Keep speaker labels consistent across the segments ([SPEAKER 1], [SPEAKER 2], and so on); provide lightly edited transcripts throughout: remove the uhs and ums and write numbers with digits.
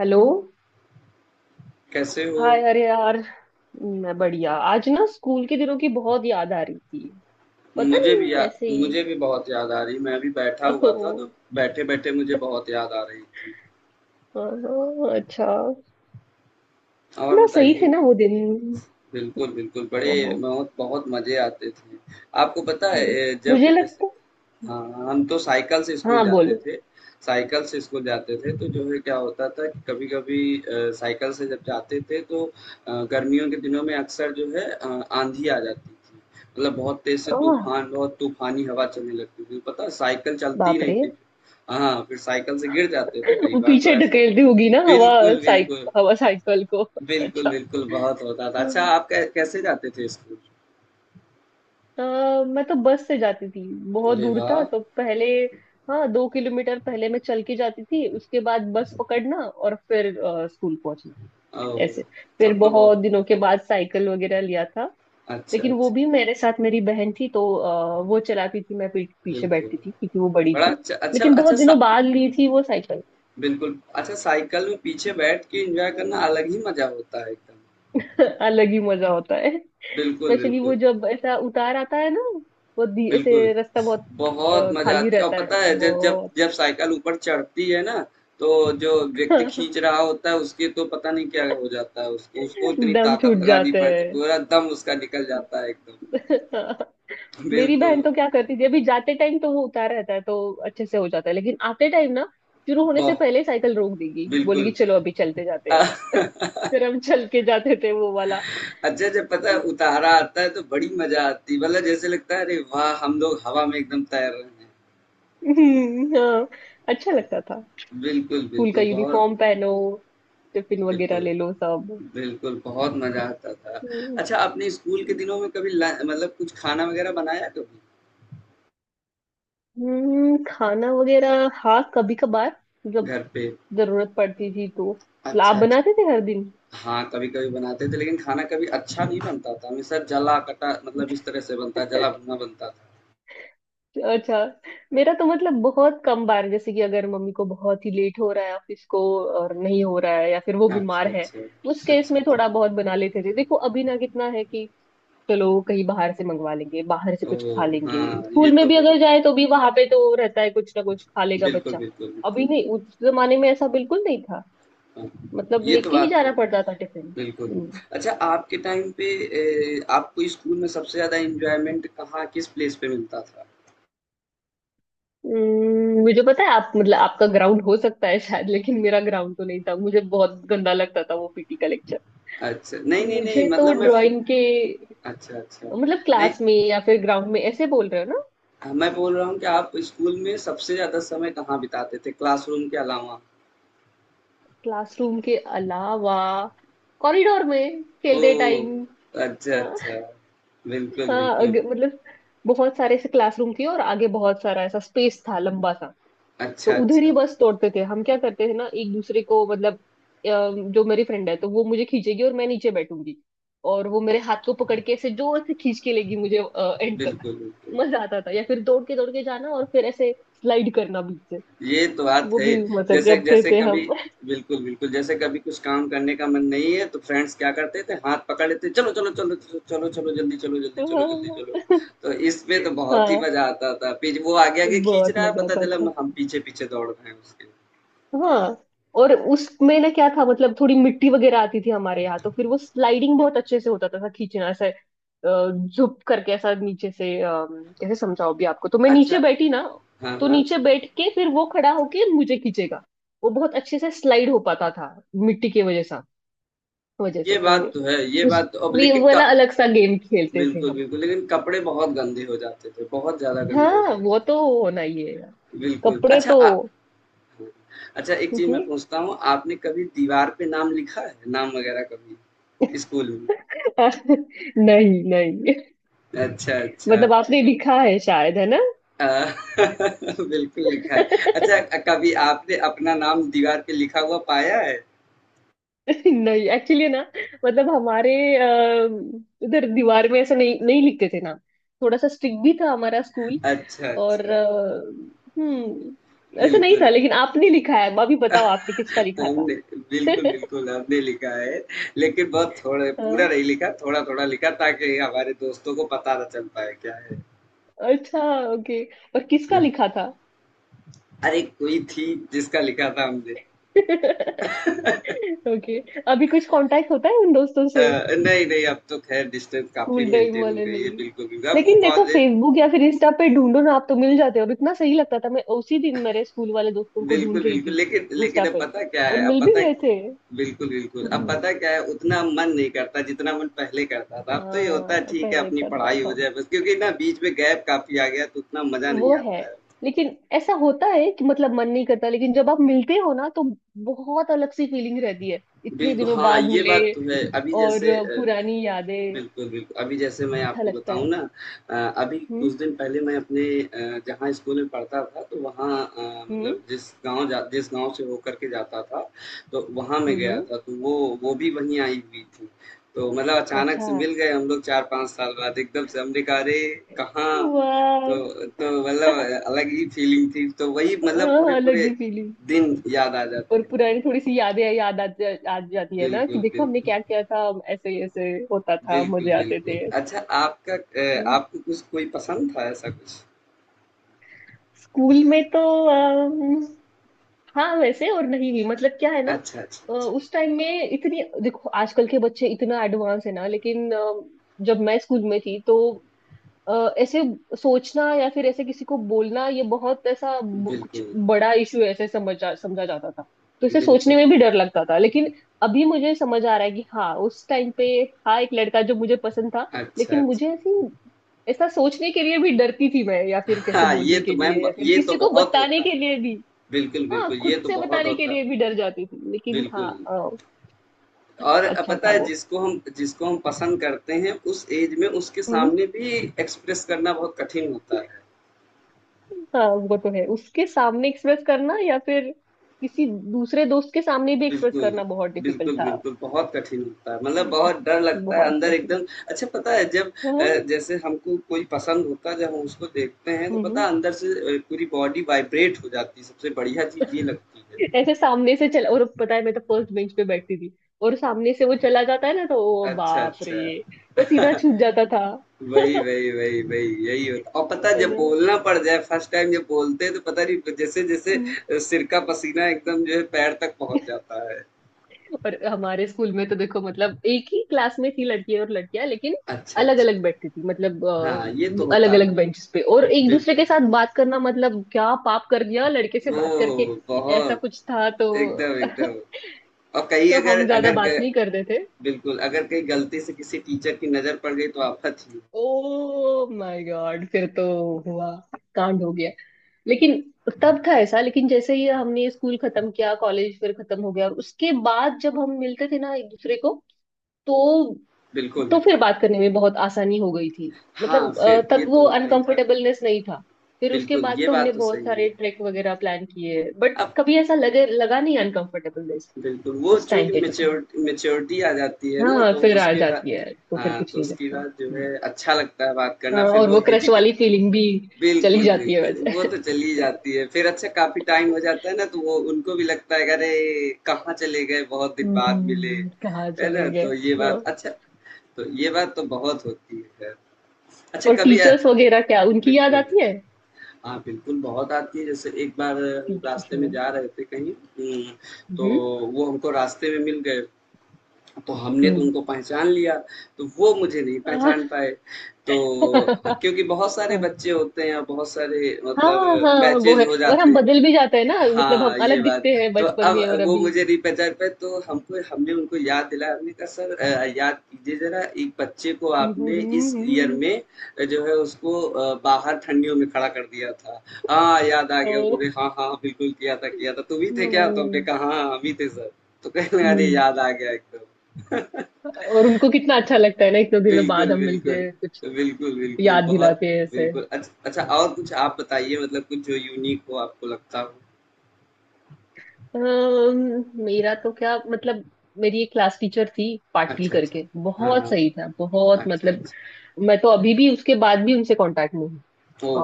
[SPEAKER 1] Hello.
[SPEAKER 2] कैसे हो?
[SPEAKER 1] Hi, अरे यार। मैं बढ़िया। आज ना स्कूल के दिनों की बहुत याद आ रही थी। पता
[SPEAKER 2] मुझे भी
[SPEAKER 1] नहीं
[SPEAKER 2] या
[SPEAKER 1] ऐसे ही।
[SPEAKER 2] मुझे भी बहुत याद आ रही। मैं भी बैठा हुआ था
[SPEAKER 1] ओह।
[SPEAKER 2] तो बैठे-बैठे मुझे बहुत याद आ रही थी।
[SPEAKER 1] हाँ, हाँ, अच्छा।
[SPEAKER 2] और
[SPEAKER 1] ना सही थे
[SPEAKER 2] बताइए?
[SPEAKER 1] ना वो दिन।
[SPEAKER 2] बिल्कुल, बिल्कुल
[SPEAKER 1] हाँ,
[SPEAKER 2] बड़े बहुत बहुत मज़े आते थे। आपको पता है जब
[SPEAKER 1] मुझे
[SPEAKER 2] जैसे
[SPEAKER 1] लगता।
[SPEAKER 2] हाँ, हम तो साइकिल से स्कूल
[SPEAKER 1] हाँ
[SPEAKER 2] जाते
[SPEAKER 1] बोलो।
[SPEAKER 2] थे। साइकिल से स्कूल जाते थे, तो जो है क्या होता था कि कभी-कभी साइकिल से जब जाते थे तो गर्मियों के दिनों में अक्सर जो है आँधी आ जाती थी। मतलब बहुत तेज़ से
[SPEAKER 1] आह,
[SPEAKER 2] तूफ़ान बहुत तूफ़ानी हवा चलने लगती थी। पता है साइकिल चलती ही
[SPEAKER 1] बाप
[SPEAKER 2] नहीं
[SPEAKER 1] रे।
[SPEAKER 2] थी। हाँ, फिर साइकिल से गिर जाते थे कई
[SPEAKER 1] वो
[SPEAKER 2] बार तो
[SPEAKER 1] पीछे
[SPEAKER 2] ऐसा
[SPEAKER 1] ढकेलती होगी ना हवा।
[SPEAKER 2] बिल्कुल,
[SPEAKER 1] साइक
[SPEAKER 2] बिल्कुल।
[SPEAKER 1] हवा साइकिल को।
[SPEAKER 2] बिल्कुल,
[SPEAKER 1] अच्छा।
[SPEAKER 2] बिल्कुल बहुत होता था। अच्छा आप कै कैसे जाते थे स्कूल?
[SPEAKER 1] अ, मैं तो बस से जाती थी, बहुत
[SPEAKER 2] अरे
[SPEAKER 1] दूर था
[SPEAKER 2] वाह!
[SPEAKER 1] तो पहले हाँ 2 किलोमीटर पहले मैं चल के जाती थी, उसके बाद बस पकड़ना और फिर स्कूल पहुंचना।
[SPEAKER 2] ओह!
[SPEAKER 1] ऐसे फिर
[SPEAKER 2] तब तो
[SPEAKER 1] बहुत
[SPEAKER 2] बहुत
[SPEAKER 1] दिनों के बाद साइकिल वगैरह लिया था।
[SPEAKER 2] अच्छा,
[SPEAKER 1] लेकिन वो
[SPEAKER 2] अच्छा।
[SPEAKER 1] भी मेरे साथ मेरी बहन थी, तो वो चलाती थी, मैं पीछे
[SPEAKER 2] बिल्कुल।
[SPEAKER 1] बैठती थी, क्योंकि वो बड़ी
[SPEAKER 2] बड़ा
[SPEAKER 1] थी।
[SPEAKER 2] अच्छा अच्छा
[SPEAKER 1] लेकिन
[SPEAKER 2] अच्छा
[SPEAKER 1] बहुत दिनों
[SPEAKER 2] सा
[SPEAKER 1] बाद ली थी वो साइकिल।
[SPEAKER 2] बिल्कुल। अच्छा साइकिल में पीछे बैठ के एन्जॉय करना अलग ही मज़ा होता है एकदम।
[SPEAKER 1] अलग ही मजा होता है।
[SPEAKER 2] बिल्कुल,
[SPEAKER 1] स्पेशली वो
[SPEAKER 2] बिल्कुल।
[SPEAKER 1] जब ऐसा उतार आता है ना,
[SPEAKER 2] बिल्कुल,
[SPEAKER 1] ऐसे रास्ता बहुत
[SPEAKER 2] बहुत मज़ा
[SPEAKER 1] खाली
[SPEAKER 2] आती है और
[SPEAKER 1] रहता है
[SPEAKER 2] पता है जब जब
[SPEAKER 1] बहुत।
[SPEAKER 2] जब साइकिल ऊपर चढ़ती है ना, तो जो व्यक्ति खींच रहा होता है उसके तो पता नहीं क्या हो जाता है उसको इतनी
[SPEAKER 1] दम
[SPEAKER 2] ताकत
[SPEAKER 1] छूट
[SPEAKER 2] लगानी
[SPEAKER 1] जाते
[SPEAKER 2] पड़ती
[SPEAKER 1] हैं।
[SPEAKER 2] पूरा दम उसका निकल जाता है एकदम।
[SPEAKER 1] मेरी
[SPEAKER 2] बिल्कुल,
[SPEAKER 1] बहन तो क्या करती थी, अभी जाते टाइम तो वो उतार रहता है तो अच्छे से हो जाता है, लेकिन आते टाइम ना शुरू होने से
[SPEAKER 2] बह
[SPEAKER 1] पहले साइकिल रोक देगी, बोलेगी
[SPEAKER 2] बिल्कुल।
[SPEAKER 1] चलो अभी चलते जाते हैं।
[SPEAKER 2] अ-
[SPEAKER 1] फिर हम चल के जाते थे वो वाला।
[SPEAKER 2] अच्छा जब पता है उतारा आता है तो बड़ी मज़ा आती है मतलब जैसे लगता है अरे वाह! हम लोग हवा में एकदम तैर रहे हैं।
[SPEAKER 1] हाँ, अच्छा लगता था।
[SPEAKER 2] बिल्कुल,
[SPEAKER 1] स्कूल का
[SPEAKER 2] बिल्कुल, बहुत
[SPEAKER 1] यूनिफॉर्म पहनो, टिफिन वगैरह
[SPEAKER 2] बिल्कुल,
[SPEAKER 1] ले लो सब।
[SPEAKER 2] बिल्कुल, बहुत मज़ा आता था।
[SPEAKER 1] हम्म,
[SPEAKER 2] अच्छा, आपने स्कूल के दिनों में कभी ला मतलब कुछ खाना वग़ैरह बनाया कभी
[SPEAKER 1] खाना वगैरह हाँ कभी कभार जब
[SPEAKER 2] घर पे?
[SPEAKER 1] जरूरत पड़ती थी तो। आप
[SPEAKER 2] अच्छा,
[SPEAKER 1] बनाते
[SPEAKER 2] अच्छा।
[SPEAKER 1] थे हर दिन?
[SPEAKER 2] हाँ, कभी-कभी बनाते थे, लेकिन खाना कभी अच्छा नहीं बनता था, हमेशा जला-कटा मतलब इस तरह से बनता, जला-भुना बनता था।
[SPEAKER 1] अच्छा। मेरा तो मतलब बहुत कम बार, जैसे कि अगर मम्मी को बहुत ही लेट हो रहा है ऑफिस को और नहीं हो रहा है या फिर वो बीमार
[SPEAKER 2] अच्छा,
[SPEAKER 1] है,
[SPEAKER 2] अच्छा।
[SPEAKER 1] उस केस
[SPEAKER 2] अच्छा,
[SPEAKER 1] में
[SPEAKER 2] अच्छा।
[SPEAKER 1] थोड़ा बहुत बना लेते थे। देखो अभी ना कितना है कि चलो कहीं बाहर से मंगवा लेंगे, बाहर से कुछ
[SPEAKER 2] ओह!
[SPEAKER 1] खा लेंगे,
[SPEAKER 2] हाँ, ये
[SPEAKER 1] स्कूल
[SPEAKER 2] तो
[SPEAKER 1] में भी
[SPEAKER 2] है ही
[SPEAKER 1] अगर
[SPEAKER 2] है।
[SPEAKER 1] जाए तो भी वहां पे तो रहता है, कुछ ना कुछ खा लेगा
[SPEAKER 2] बिल्कुल,
[SPEAKER 1] बच्चा।
[SPEAKER 2] बिल्कुल,
[SPEAKER 1] अभी
[SPEAKER 2] बिल्कुल।
[SPEAKER 1] नहीं, उस जमाने में ऐसा बिल्कुल नहीं था,
[SPEAKER 2] हाँ,
[SPEAKER 1] मतलब
[SPEAKER 2] ये तो
[SPEAKER 1] लेके ही
[SPEAKER 2] बात है।
[SPEAKER 1] जाना पड़ता था टिफिन।
[SPEAKER 2] बिल्कुल।
[SPEAKER 1] हम्म।
[SPEAKER 2] अच्छा आपके टाइम पे आपको स्कूल में सबसे ज़्यादा एन्जॉयमेंट कहाँ किस प्लेस पे मिलता था?
[SPEAKER 1] मुझे पता है, आप मतलब आपका ग्राउंड हो सकता है शायद, लेकिन मेरा ग्राउंड तो नहीं था, मुझे बहुत गंदा लगता था वो पीटी का लेक्चर।
[SPEAKER 2] अच्छा, नहीं, नहीं,
[SPEAKER 1] मुझे
[SPEAKER 2] नहीं
[SPEAKER 1] तो
[SPEAKER 2] मतलब मैं फ़ि
[SPEAKER 1] ड्राइंग के,
[SPEAKER 2] अच्छा, अच्छा।
[SPEAKER 1] मतलब
[SPEAKER 2] नहीं,
[SPEAKER 1] क्लास में या फिर ग्राउंड में ऐसे बोल रहे हो ना?
[SPEAKER 2] मैं बोल रहा हूँ कि आप स्कूल में सबसे ज़्यादा समय कहाँ बिताते थे क्लासरूम के अलावा?
[SPEAKER 1] क्लासरूम के अलावा कॉरिडोर में खेलते
[SPEAKER 2] ओह!
[SPEAKER 1] टाइम।
[SPEAKER 2] अच्छा,
[SPEAKER 1] हाँ।
[SPEAKER 2] अच्छा। बिल्कुल,
[SPEAKER 1] हाँ,
[SPEAKER 2] बिल्कुल।
[SPEAKER 1] मतलब बहुत सारे ऐसे क्लासरूम थे और आगे बहुत सारा ऐसा स्पेस था लंबा सा, तो
[SPEAKER 2] अच्छा,
[SPEAKER 1] उधर ही
[SPEAKER 2] अच्छा।
[SPEAKER 1] बस तोड़ते थे हम। क्या करते थे ना एक दूसरे को, मतलब अ, जो मेरी फ्रेंड है तो वो मुझे खींचेगी और मैं नीचे बैठूंगी, और वो मेरे हाथ को पकड़ के ऐसे जोर से खींच के लेगी मुझे एंड तक।
[SPEAKER 2] बिल्कुल, बिल्कुल।
[SPEAKER 1] मजा आता था, या फिर दौड़ के जाना और फिर ऐसे स्लाइड करना बीच से।
[SPEAKER 2] ये तो बात
[SPEAKER 1] वो
[SPEAKER 2] है।
[SPEAKER 1] भी मजा
[SPEAKER 2] जैसे
[SPEAKER 1] करते
[SPEAKER 2] जैसे
[SPEAKER 1] थे
[SPEAKER 2] कभी
[SPEAKER 1] हम।
[SPEAKER 2] बिल्कुल, बिल्कुल, जैसे कभी कुछ काम करने का मन नहीं है तो फ्रेंड्स क्या करते थे, हाथ पकड़ लेते, "चलो, चलो, चलो, चलो, चलो, चलो, जल्दी चलो, जल्दी चलो, जल्दी चलो।"
[SPEAKER 1] हाँ।
[SPEAKER 2] तो इसमें तो बहुत ही
[SPEAKER 1] हाँ,
[SPEAKER 2] मज़ा आता था। फिर वो आगे-आगे खींच
[SPEAKER 1] बहुत
[SPEAKER 2] रहा है,
[SPEAKER 1] मजा
[SPEAKER 2] पता
[SPEAKER 1] आता
[SPEAKER 2] चला
[SPEAKER 1] था।
[SPEAKER 2] म हम पीछे-पीछे दौड़ रहे हैं उसके।
[SPEAKER 1] हाँ, और उसमें ना क्या था, मतलब थोड़ी मिट्टी वगैरह आती थी हमारे यहाँ, तो फिर वो स्लाइडिंग बहुत अच्छे से होता था। ऐसा खींचना, ऐसे झुक करके ऐसा नीचे से, कैसे समझाओ भी आपको। तो मैं नीचे
[SPEAKER 2] अच्छा
[SPEAKER 1] बैठी ना,
[SPEAKER 2] हाँ,
[SPEAKER 1] तो
[SPEAKER 2] हाँ।
[SPEAKER 1] नीचे बैठ के फिर वो खड़ा होके मुझे खींचेगा, वो बहुत अच्छे से स्लाइड हो पाता था मिट्टी की वजह से। वजह से
[SPEAKER 2] ये
[SPEAKER 1] तो
[SPEAKER 2] बात तो है, ये
[SPEAKER 1] उस
[SPEAKER 2] बात तो अब
[SPEAKER 1] भी
[SPEAKER 2] लेकिन
[SPEAKER 1] वाला
[SPEAKER 2] क
[SPEAKER 1] अलग सा गेम खेलते थे
[SPEAKER 2] बिल्कुल,
[SPEAKER 1] हम।
[SPEAKER 2] बिल्कुल, लेकिन कपड़े बहुत गंदे हो जाते थे, बहुत ज़्यादा गंदे हो
[SPEAKER 1] हाँ,
[SPEAKER 2] जाते थे।
[SPEAKER 1] वो तो होना ही है यार।
[SPEAKER 2] बिल्कुल।
[SPEAKER 1] कपड़े
[SPEAKER 2] अच्छा
[SPEAKER 1] तो।
[SPEAKER 2] आ अच्छा एक चीज़ मैं
[SPEAKER 1] नहीं।
[SPEAKER 2] पूछता हूँ, आपने कभी दीवार पे नाम लिखा है? नाम वग़ैरह कभी स्कूल में?
[SPEAKER 1] नहीं,
[SPEAKER 2] अच्छा, अच्छा।
[SPEAKER 1] मतलब आपने लिखा है शायद, है ना?
[SPEAKER 2] अ, बिल्कुल लिखा है। अच्छा कभी आपने अपना नाम दीवार पे लिखा हुआ पाया है?
[SPEAKER 1] नहीं, एक्चुअली ना, मतलब हमारे उधर दीवार में ऐसा नहीं नहीं लिखते थे ना, थोड़ा सा स्ट्रिक्ट भी था हमारा स्कूल।
[SPEAKER 2] अच्छा,
[SPEAKER 1] और
[SPEAKER 2] अच्छा।
[SPEAKER 1] ऐसा नहीं था।
[SPEAKER 2] बिल्कुल।
[SPEAKER 1] लेकिन आपने लिखा है, अभी बताओ, आपने किसका लिखा था?
[SPEAKER 2] हमने बिल्कुल, बिल्कुल हमने लिखा है, लेकिन बहुत थोड़े
[SPEAKER 1] हाँ,
[SPEAKER 2] पूरा नहीं लिखा, थोड़ा-थोड़ा लिखा ताकि हमारे दोस्तों को पता ना चल पाए क्या है।
[SPEAKER 1] अच्छा, ओके। और किसका
[SPEAKER 2] बिल
[SPEAKER 1] लिखा था?
[SPEAKER 2] अरे कोई थी जिसका लिखा था हमने।
[SPEAKER 1] ओके। अभी कुछ कांटेक्ट होता है उन दोस्तों से?
[SPEAKER 2] नहीं, नहीं, अब तो ख़ैर डिस्टेंस काफ़ी
[SPEAKER 1] कूल टाइम
[SPEAKER 2] मेंटेन हो
[SPEAKER 1] वाले
[SPEAKER 2] गई है,
[SPEAKER 1] नहीं,
[SPEAKER 2] बिल्कुल, बिल्कुल। अब वो
[SPEAKER 1] लेकिन देखो
[SPEAKER 2] कॉलेज
[SPEAKER 1] फेसबुक या फिर इंस्टा पे ढूंढो ना आप तो मिल जाते हो, और इतना सही लगता था, मैं उसी दिन मेरे स्कूल वाले दोस्तों को
[SPEAKER 2] बिल्कुल,
[SPEAKER 1] ढूंढ रही
[SPEAKER 2] बिल्कुल,
[SPEAKER 1] थी
[SPEAKER 2] लेकिन लेकिन
[SPEAKER 1] इंस्टा
[SPEAKER 2] अब
[SPEAKER 1] पे,
[SPEAKER 2] पता क्या
[SPEAKER 1] और
[SPEAKER 2] है, अब
[SPEAKER 1] मिल भी
[SPEAKER 2] पता
[SPEAKER 1] गए थे।
[SPEAKER 2] बिल्कुल, बिल्कुल। अब
[SPEAKER 1] हम्म,
[SPEAKER 2] पता क्या है, उतना मन नहीं करता, जितना मन पहले करता था। अब तो ये होता है,
[SPEAKER 1] हाँ
[SPEAKER 2] ठीक है,
[SPEAKER 1] पहले
[SPEAKER 2] अपनी
[SPEAKER 1] करता
[SPEAKER 2] पढ़ाई हो
[SPEAKER 1] था,
[SPEAKER 2] जाए बस, क्योंकि ना बीच में गैप काफ़ी आ गया, तो उतना मज़ा नहीं
[SPEAKER 1] वो है,
[SPEAKER 2] आता है।
[SPEAKER 1] लेकिन ऐसा होता है कि मतलब मन नहीं करता, लेकिन जब आप मिलते हो ना, तो बहुत अलग सी फीलिंग रहती है, इतने
[SPEAKER 2] बिल्कुल,
[SPEAKER 1] दिनों
[SPEAKER 2] हाँ,
[SPEAKER 1] बाद
[SPEAKER 2] ये
[SPEAKER 1] मिले
[SPEAKER 2] बात तो है। अभी
[SPEAKER 1] और
[SPEAKER 2] जैसे अ
[SPEAKER 1] पुरानी यादें,
[SPEAKER 2] बिल्कुल, बिल्कुल। अभी जैसे मैं
[SPEAKER 1] अच्छा
[SPEAKER 2] आपको
[SPEAKER 1] लगता
[SPEAKER 2] बताऊँ
[SPEAKER 1] है।
[SPEAKER 2] ना अ, अभी
[SPEAKER 1] हम्म।
[SPEAKER 2] कुछ दिन पहले मैं अपने जहाँ स्कूल में पढ़ता था तो वहाँ मतलब
[SPEAKER 1] हम्म।
[SPEAKER 2] जिस गाँव से होकर के जाता था, तो वहाँ मैं
[SPEAKER 1] हम्म।
[SPEAKER 2] गया
[SPEAKER 1] हम्म।
[SPEAKER 2] था तो वो भी वहीं आई हुई थी। तो मतलब अचानक
[SPEAKER 1] अच्छा।
[SPEAKER 2] से मिल गए हम लोग 4-5 साल बाद एकदम से हमने कहा अरे! कहाँ?
[SPEAKER 1] वाह।
[SPEAKER 2] तो मतलब अलग ही फीलिंग थी। तो
[SPEAKER 1] हाँ,
[SPEAKER 2] वही मतलब
[SPEAKER 1] हाँ, अलग
[SPEAKER 2] पूरे-पूरे
[SPEAKER 1] ही फीलिंग।
[SPEAKER 2] दिन याद आ
[SPEAKER 1] और
[SPEAKER 2] जाते हैं।
[SPEAKER 1] पुरानी थोड़ी सी यादें याद आ जाती है ना कि
[SPEAKER 2] बिल्कुल,
[SPEAKER 1] देखो हमने
[SPEAKER 2] बिल्कुल।
[SPEAKER 1] क्या किया था, हम ऐसे ऐसे होता था,
[SPEAKER 2] बिल्कुल,
[SPEAKER 1] मजे आते
[SPEAKER 2] बिल्कुल।
[SPEAKER 1] थे।
[SPEAKER 2] अच्छा आपका
[SPEAKER 1] हम्म,
[SPEAKER 2] आपको कुछ कोई पसंद था ऐसा कुछ?
[SPEAKER 1] स्कूल में तो अम, हाँ वैसे और नहीं भी, मतलब क्या है ना,
[SPEAKER 2] अच्छा, अच्छा, अच्छा।
[SPEAKER 1] उस टाइम में इतनी, देखो आजकल के बच्चे इतना एडवांस है ना, लेकिन जब मैं स्कूल में थी तो अ, ऐसे सोचना या फिर ऐसे किसी को बोलना, ये बहुत ऐसा कुछ
[SPEAKER 2] बिल्कुल,
[SPEAKER 1] बड़ा इशू ऐसे समझा समझा जाता था, तो इसे सोचने
[SPEAKER 2] बिल्कुल।
[SPEAKER 1] में भी डर लगता था। लेकिन अभी मुझे समझ आ रहा है कि हाँ, उस टाइम पे हाँ एक लड़का जो मुझे पसंद था।
[SPEAKER 2] अच्छा,
[SPEAKER 1] लेकिन
[SPEAKER 2] अच्छा।
[SPEAKER 1] मुझे ऐसी ऐसा सोचने के लिए भी डरती थी मैं, या फिर कैसे
[SPEAKER 2] हाँ, ये
[SPEAKER 1] बोलने
[SPEAKER 2] तो
[SPEAKER 1] के
[SPEAKER 2] मैम
[SPEAKER 1] लिए, या
[SPEAKER 2] ब
[SPEAKER 1] फिर
[SPEAKER 2] ये तो
[SPEAKER 1] किसी को
[SPEAKER 2] बहुत
[SPEAKER 1] बताने
[SPEAKER 2] होता
[SPEAKER 1] के
[SPEAKER 2] है।
[SPEAKER 1] लिए भी।
[SPEAKER 2] बिल्कुल,
[SPEAKER 1] हाँ,
[SPEAKER 2] बिल्कुल, ये
[SPEAKER 1] खुद
[SPEAKER 2] तो
[SPEAKER 1] से
[SPEAKER 2] बहुत
[SPEAKER 1] बताने के
[SPEAKER 2] होता है।
[SPEAKER 1] लिए भी डर जाती थी, लेकिन था
[SPEAKER 2] बिल्कुल। और
[SPEAKER 1] अच्छा
[SPEAKER 2] पता
[SPEAKER 1] था
[SPEAKER 2] है
[SPEAKER 1] वो।
[SPEAKER 2] जिसको हम पसंद करते हैं, उस ऐज में उसके
[SPEAKER 1] हम्म।
[SPEAKER 2] सामने भी एक्सप्रेस करना बहुत कठिन होता है।
[SPEAKER 1] हाँ, वो तो है, उसके सामने एक्सप्रेस करना, या फिर किसी दूसरे दोस्त के सामने भी एक्सप्रेस
[SPEAKER 2] बिल्कुल,
[SPEAKER 1] करना बहुत डिफिकल्ट
[SPEAKER 2] बिल्कुल,
[SPEAKER 1] था।
[SPEAKER 2] बिल्कुल, बहुत कठिन होता है, मतलब
[SPEAKER 1] हम्म,
[SPEAKER 2] बहुत डर लगता है
[SPEAKER 1] बहुत
[SPEAKER 2] अंदर
[SPEAKER 1] कठिन।
[SPEAKER 2] एकदम अच्छा पता है जब अ,
[SPEAKER 1] हाँ।
[SPEAKER 2] जैसे हमको कोई पसंद होता है, जब हम उसको देखते हैं तो पता
[SPEAKER 1] हम्म,
[SPEAKER 2] है अंदर से पूरी बॉडी वाइब्रेट हो जाती है, सबसे बढ़िया चीज़ ये लगती है।
[SPEAKER 1] ऐसे सामने से चला, और पता है मैं तो फर्स्ट बेंच पे बैठती थी, और सामने से वो चला जाता है ना तो ओ
[SPEAKER 2] अच्छा,
[SPEAKER 1] बाप रे,
[SPEAKER 2] अच्छा।
[SPEAKER 1] वो सीना छूट जाता था।
[SPEAKER 2] वही, वही, वही, वही, यही होता और पता है
[SPEAKER 1] है
[SPEAKER 2] जब
[SPEAKER 1] ना।
[SPEAKER 2] बोलना पड़ जाए फर्स्ट टाइम जब बोलते हैं तो पता नहीं जैसे-जैसे सिर का पसीना एकदम जो है पैर तक पहुँच जाता है।
[SPEAKER 1] और हमारे स्कूल में तो देखो मतलब एक ही क्लास में थी लड़के और लड़कियां, लेकिन
[SPEAKER 2] अच्छा,
[SPEAKER 1] अलग
[SPEAKER 2] अच्छा।
[SPEAKER 1] अलग बैठती थी, मतलब
[SPEAKER 2] हाँ, ये तो
[SPEAKER 1] अलग
[SPEAKER 2] होता है।
[SPEAKER 1] अलग बेंचेस पे, और एक दूसरे
[SPEAKER 2] बिल्कुल।
[SPEAKER 1] के साथ बात करना मतलब क्या पाप कर गया लड़के से बात करके,
[SPEAKER 2] ओह!
[SPEAKER 1] ऐसा
[SPEAKER 2] बहुत
[SPEAKER 1] कुछ था तो।
[SPEAKER 2] एकदम, एकदम। और कहीं
[SPEAKER 1] तो
[SPEAKER 2] अगर
[SPEAKER 1] हम ज्यादा
[SPEAKER 2] अगर ग
[SPEAKER 1] बात नहीं करते थे।
[SPEAKER 2] बिल्कुल, अगर कहीं गलती से किसी टीचर की नज़र पड़ गई तो आफ़त ही।
[SPEAKER 1] ओ माय गॉड, फिर तो हुआ, कांड हो गया। लेकिन तब था ऐसा, लेकिन जैसे ही हमने स्कूल खत्म किया, कॉलेज फिर खत्म हो गया, और उसके बाद जब हम मिलते थे ना एक दूसरे को, तो
[SPEAKER 2] बिल्कुल,
[SPEAKER 1] तो फिर
[SPEAKER 2] बिल्कुल।
[SPEAKER 1] बात करने में बहुत आसानी हो गई थी,
[SPEAKER 2] हाँ,
[SPEAKER 1] मतलब
[SPEAKER 2] फिर ये
[SPEAKER 1] तब
[SPEAKER 2] तो
[SPEAKER 1] वो
[SPEAKER 2] होता ही था।
[SPEAKER 1] अनकंफर्टेबलनेस नहीं था। फिर उसके
[SPEAKER 2] बिल्कुल,
[SPEAKER 1] बाद
[SPEAKER 2] ये
[SPEAKER 1] तो
[SPEAKER 2] बात
[SPEAKER 1] हमने
[SPEAKER 2] तो
[SPEAKER 1] बहुत
[SPEAKER 2] सही है।
[SPEAKER 1] सारे ट्रैक वगैरह प्लान किए, बट
[SPEAKER 2] अब
[SPEAKER 1] कभी ऐसा लगे लगा नहीं अनकंफर्टेबलनेस
[SPEAKER 2] बिल्कुल, वो
[SPEAKER 1] उस टाइम
[SPEAKER 2] चूँकि
[SPEAKER 1] पे जो था।
[SPEAKER 2] मैच्योरिटी आ जाती है ना,
[SPEAKER 1] हाँ,
[SPEAKER 2] तो
[SPEAKER 1] फिर आ
[SPEAKER 2] उसके बाद
[SPEAKER 1] जाती है, तो फिर
[SPEAKER 2] हाँ,
[SPEAKER 1] कुछ
[SPEAKER 2] तो
[SPEAKER 1] नहीं
[SPEAKER 2] उसके
[SPEAKER 1] लगता।
[SPEAKER 2] बाद जो
[SPEAKER 1] हम्म।
[SPEAKER 2] है अच्छा लगता है बात करना,
[SPEAKER 1] हाँ,
[SPEAKER 2] फिर
[SPEAKER 1] और
[SPEAKER 2] वो
[SPEAKER 1] वो क्रश
[SPEAKER 2] हेजिटे
[SPEAKER 1] वाली फीलिंग भी चली
[SPEAKER 2] बिल्कुल,
[SPEAKER 1] जाती है
[SPEAKER 2] बिल्कुल, वो
[SPEAKER 1] वैसे।
[SPEAKER 2] तो चली जाती है। फिर अच्छा काफ़ी टाइम हो जाता है ना, तो वो उनको भी लगता है कि अरे! कहाँ चले गए, बहुत दिन बाद मिले।
[SPEAKER 1] हम्म, कहाँ
[SPEAKER 2] है
[SPEAKER 1] चले
[SPEAKER 2] ना?
[SPEAKER 1] गए।
[SPEAKER 2] तो ये
[SPEAKER 1] हाँ,
[SPEAKER 2] बात अच्छा, तो ये बात तो बहुत होती है। अच्छा
[SPEAKER 1] और
[SPEAKER 2] कभी अ
[SPEAKER 1] टीचर्स वगैरह क्या, उनकी याद
[SPEAKER 2] बिल्कुल।
[SPEAKER 1] आती है?
[SPEAKER 2] हाँ, बिल्कुल बहुत आती है। जैसे एक बार हम
[SPEAKER 1] टीचर्स।
[SPEAKER 2] रास्ते में जा रहे थे कहीं तो
[SPEAKER 1] हम्म।
[SPEAKER 2] वो हमको रास्ते में मिल गए। तो हमने तो उनको पहचान लिया, तो वो मुझे नहीं पहचान पाए। तो हाँ, क्योंकि
[SPEAKER 1] हम्म।
[SPEAKER 2] बहुत सारे बच्चे होते हैं और बहुत सारे मतलब
[SPEAKER 1] हाँ। हाँ, वो
[SPEAKER 2] बैचेज़
[SPEAKER 1] है,
[SPEAKER 2] हो
[SPEAKER 1] और
[SPEAKER 2] जाते
[SPEAKER 1] हम
[SPEAKER 2] हैं।
[SPEAKER 1] बदल भी जाते हैं ना, मतलब हम
[SPEAKER 2] हाँ, ये
[SPEAKER 1] अलग दिखते
[SPEAKER 2] बात।
[SPEAKER 1] हैं
[SPEAKER 2] तो
[SPEAKER 1] बचपन
[SPEAKER 2] अब
[SPEAKER 1] में और
[SPEAKER 2] वो
[SPEAKER 1] अभी।
[SPEAKER 2] मुझे नहीं पहचान पाए तो हमको हमने उनको याद दिलाया, हमने कहा सर याद कीजिए ज़रा एक बच्चे को आपने इस ईयर
[SPEAKER 1] हम्म।
[SPEAKER 2] में जो है उसको बाहर ठंडियों में खड़ा कर दिया था। हाँ, याद आ
[SPEAKER 1] ओ।
[SPEAKER 2] गया उन्होंने हाँ, हाँ, बिल्कुल किया था, किया था। तुम ही थे क्या? तो हमने
[SPEAKER 1] हम्म।
[SPEAKER 2] कहा हाँ, हम ही थे सर। तो कहने लगे अरे याद आ गया एकदम।
[SPEAKER 1] और उनको कितना अच्छा लगता है ना, इतने दिनों बाद
[SPEAKER 2] बिल्कुल,
[SPEAKER 1] हम मिलते हैं, कुछ
[SPEAKER 2] बिल्कुल। बिल्कुल, बिल्कुल,
[SPEAKER 1] याद
[SPEAKER 2] बहुत
[SPEAKER 1] दिलाते हैं ऐसे।
[SPEAKER 2] बिल्कुल। अच्छा और कुछ आप बताइए मतलब कुछ जो यूनिक हो आपको लगता हो?
[SPEAKER 1] मेरा तो क्या मतलब, मेरी एक क्लास टीचर थी, पाटिल
[SPEAKER 2] अच्छा,
[SPEAKER 1] करके,
[SPEAKER 2] अच्छा। हाँ,
[SPEAKER 1] बहुत
[SPEAKER 2] हाँ।
[SPEAKER 1] सही था, बहुत
[SPEAKER 2] अच्छा,
[SPEAKER 1] मतलब।
[SPEAKER 2] अच्छा।
[SPEAKER 1] मैं तो अभी भी, उसके बाद भी उनसे कांटेक्ट में हूँ।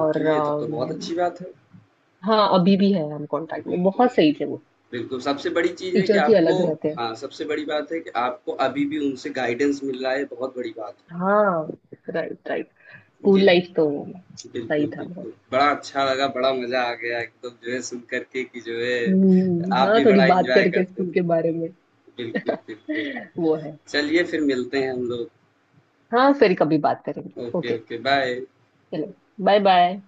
[SPEAKER 1] और
[SPEAKER 2] तब तो बहुत अच्छी बात है।
[SPEAKER 1] हाँ अभी भी है, हम कांटेक्ट में,
[SPEAKER 2] बिल्कुल,
[SPEAKER 1] बहुत सही थे वो,
[SPEAKER 2] बिल्कुल। सबसे बड़ी चीज़ है कि
[SPEAKER 1] टीचर थी,
[SPEAKER 2] आपको
[SPEAKER 1] अलग रहते हैं।
[SPEAKER 2] हाँ, सबसे बड़ी बात है कि आपको अभी भी उनसे गाइडेंस मिल रहा है, बहुत बड़ी बात
[SPEAKER 1] हाँ, राइट राइट।
[SPEAKER 2] है।
[SPEAKER 1] स्कूल
[SPEAKER 2] जी,
[SPEAKER 1] लाइफ तो
[SPEAKER 2] बिल्कुल,
[SPEAKER 1] सही था बहुत।
[SPEAKER 2] बिल्कुल। बड़ा अच्छा लगा, बड़ा मज़ा आ गया एकदम जो है सुन कर के कि जो है
[SPEAKER 1] हम्म,
[SPEAKER 2] आप
[SPEAKER 1] हाँ,
[SPEAKER 2] भी
[SPEAKER 1] थोड़ी
[SPEAKER 2] बड़ा
[SPEAKER 1] बात
[SPEAKER 2] एन्जॉय
[SPEAKER 1] करके
[SPEAKER 2] करते
[SPEAKER 1] स्कूल के बारे
[SPEAKER 2] थे।
[SPEAKER 1] में।
[SPEAKER 2] बिल्कुल, बिल्कुल।
[SPEAKER 1] वो है।
[SPEAKER 2] चलिए फिर मिलते हैं हम लोग
[SPEAKER 1] हाँ, फिर कभी बात करेंगे,
[SPEAKER 2] ओके
[SPEAKER 1] ओके।
[SPEAKER 2] ओके बाय
[SPEAKER 1] चलो। Bye bye.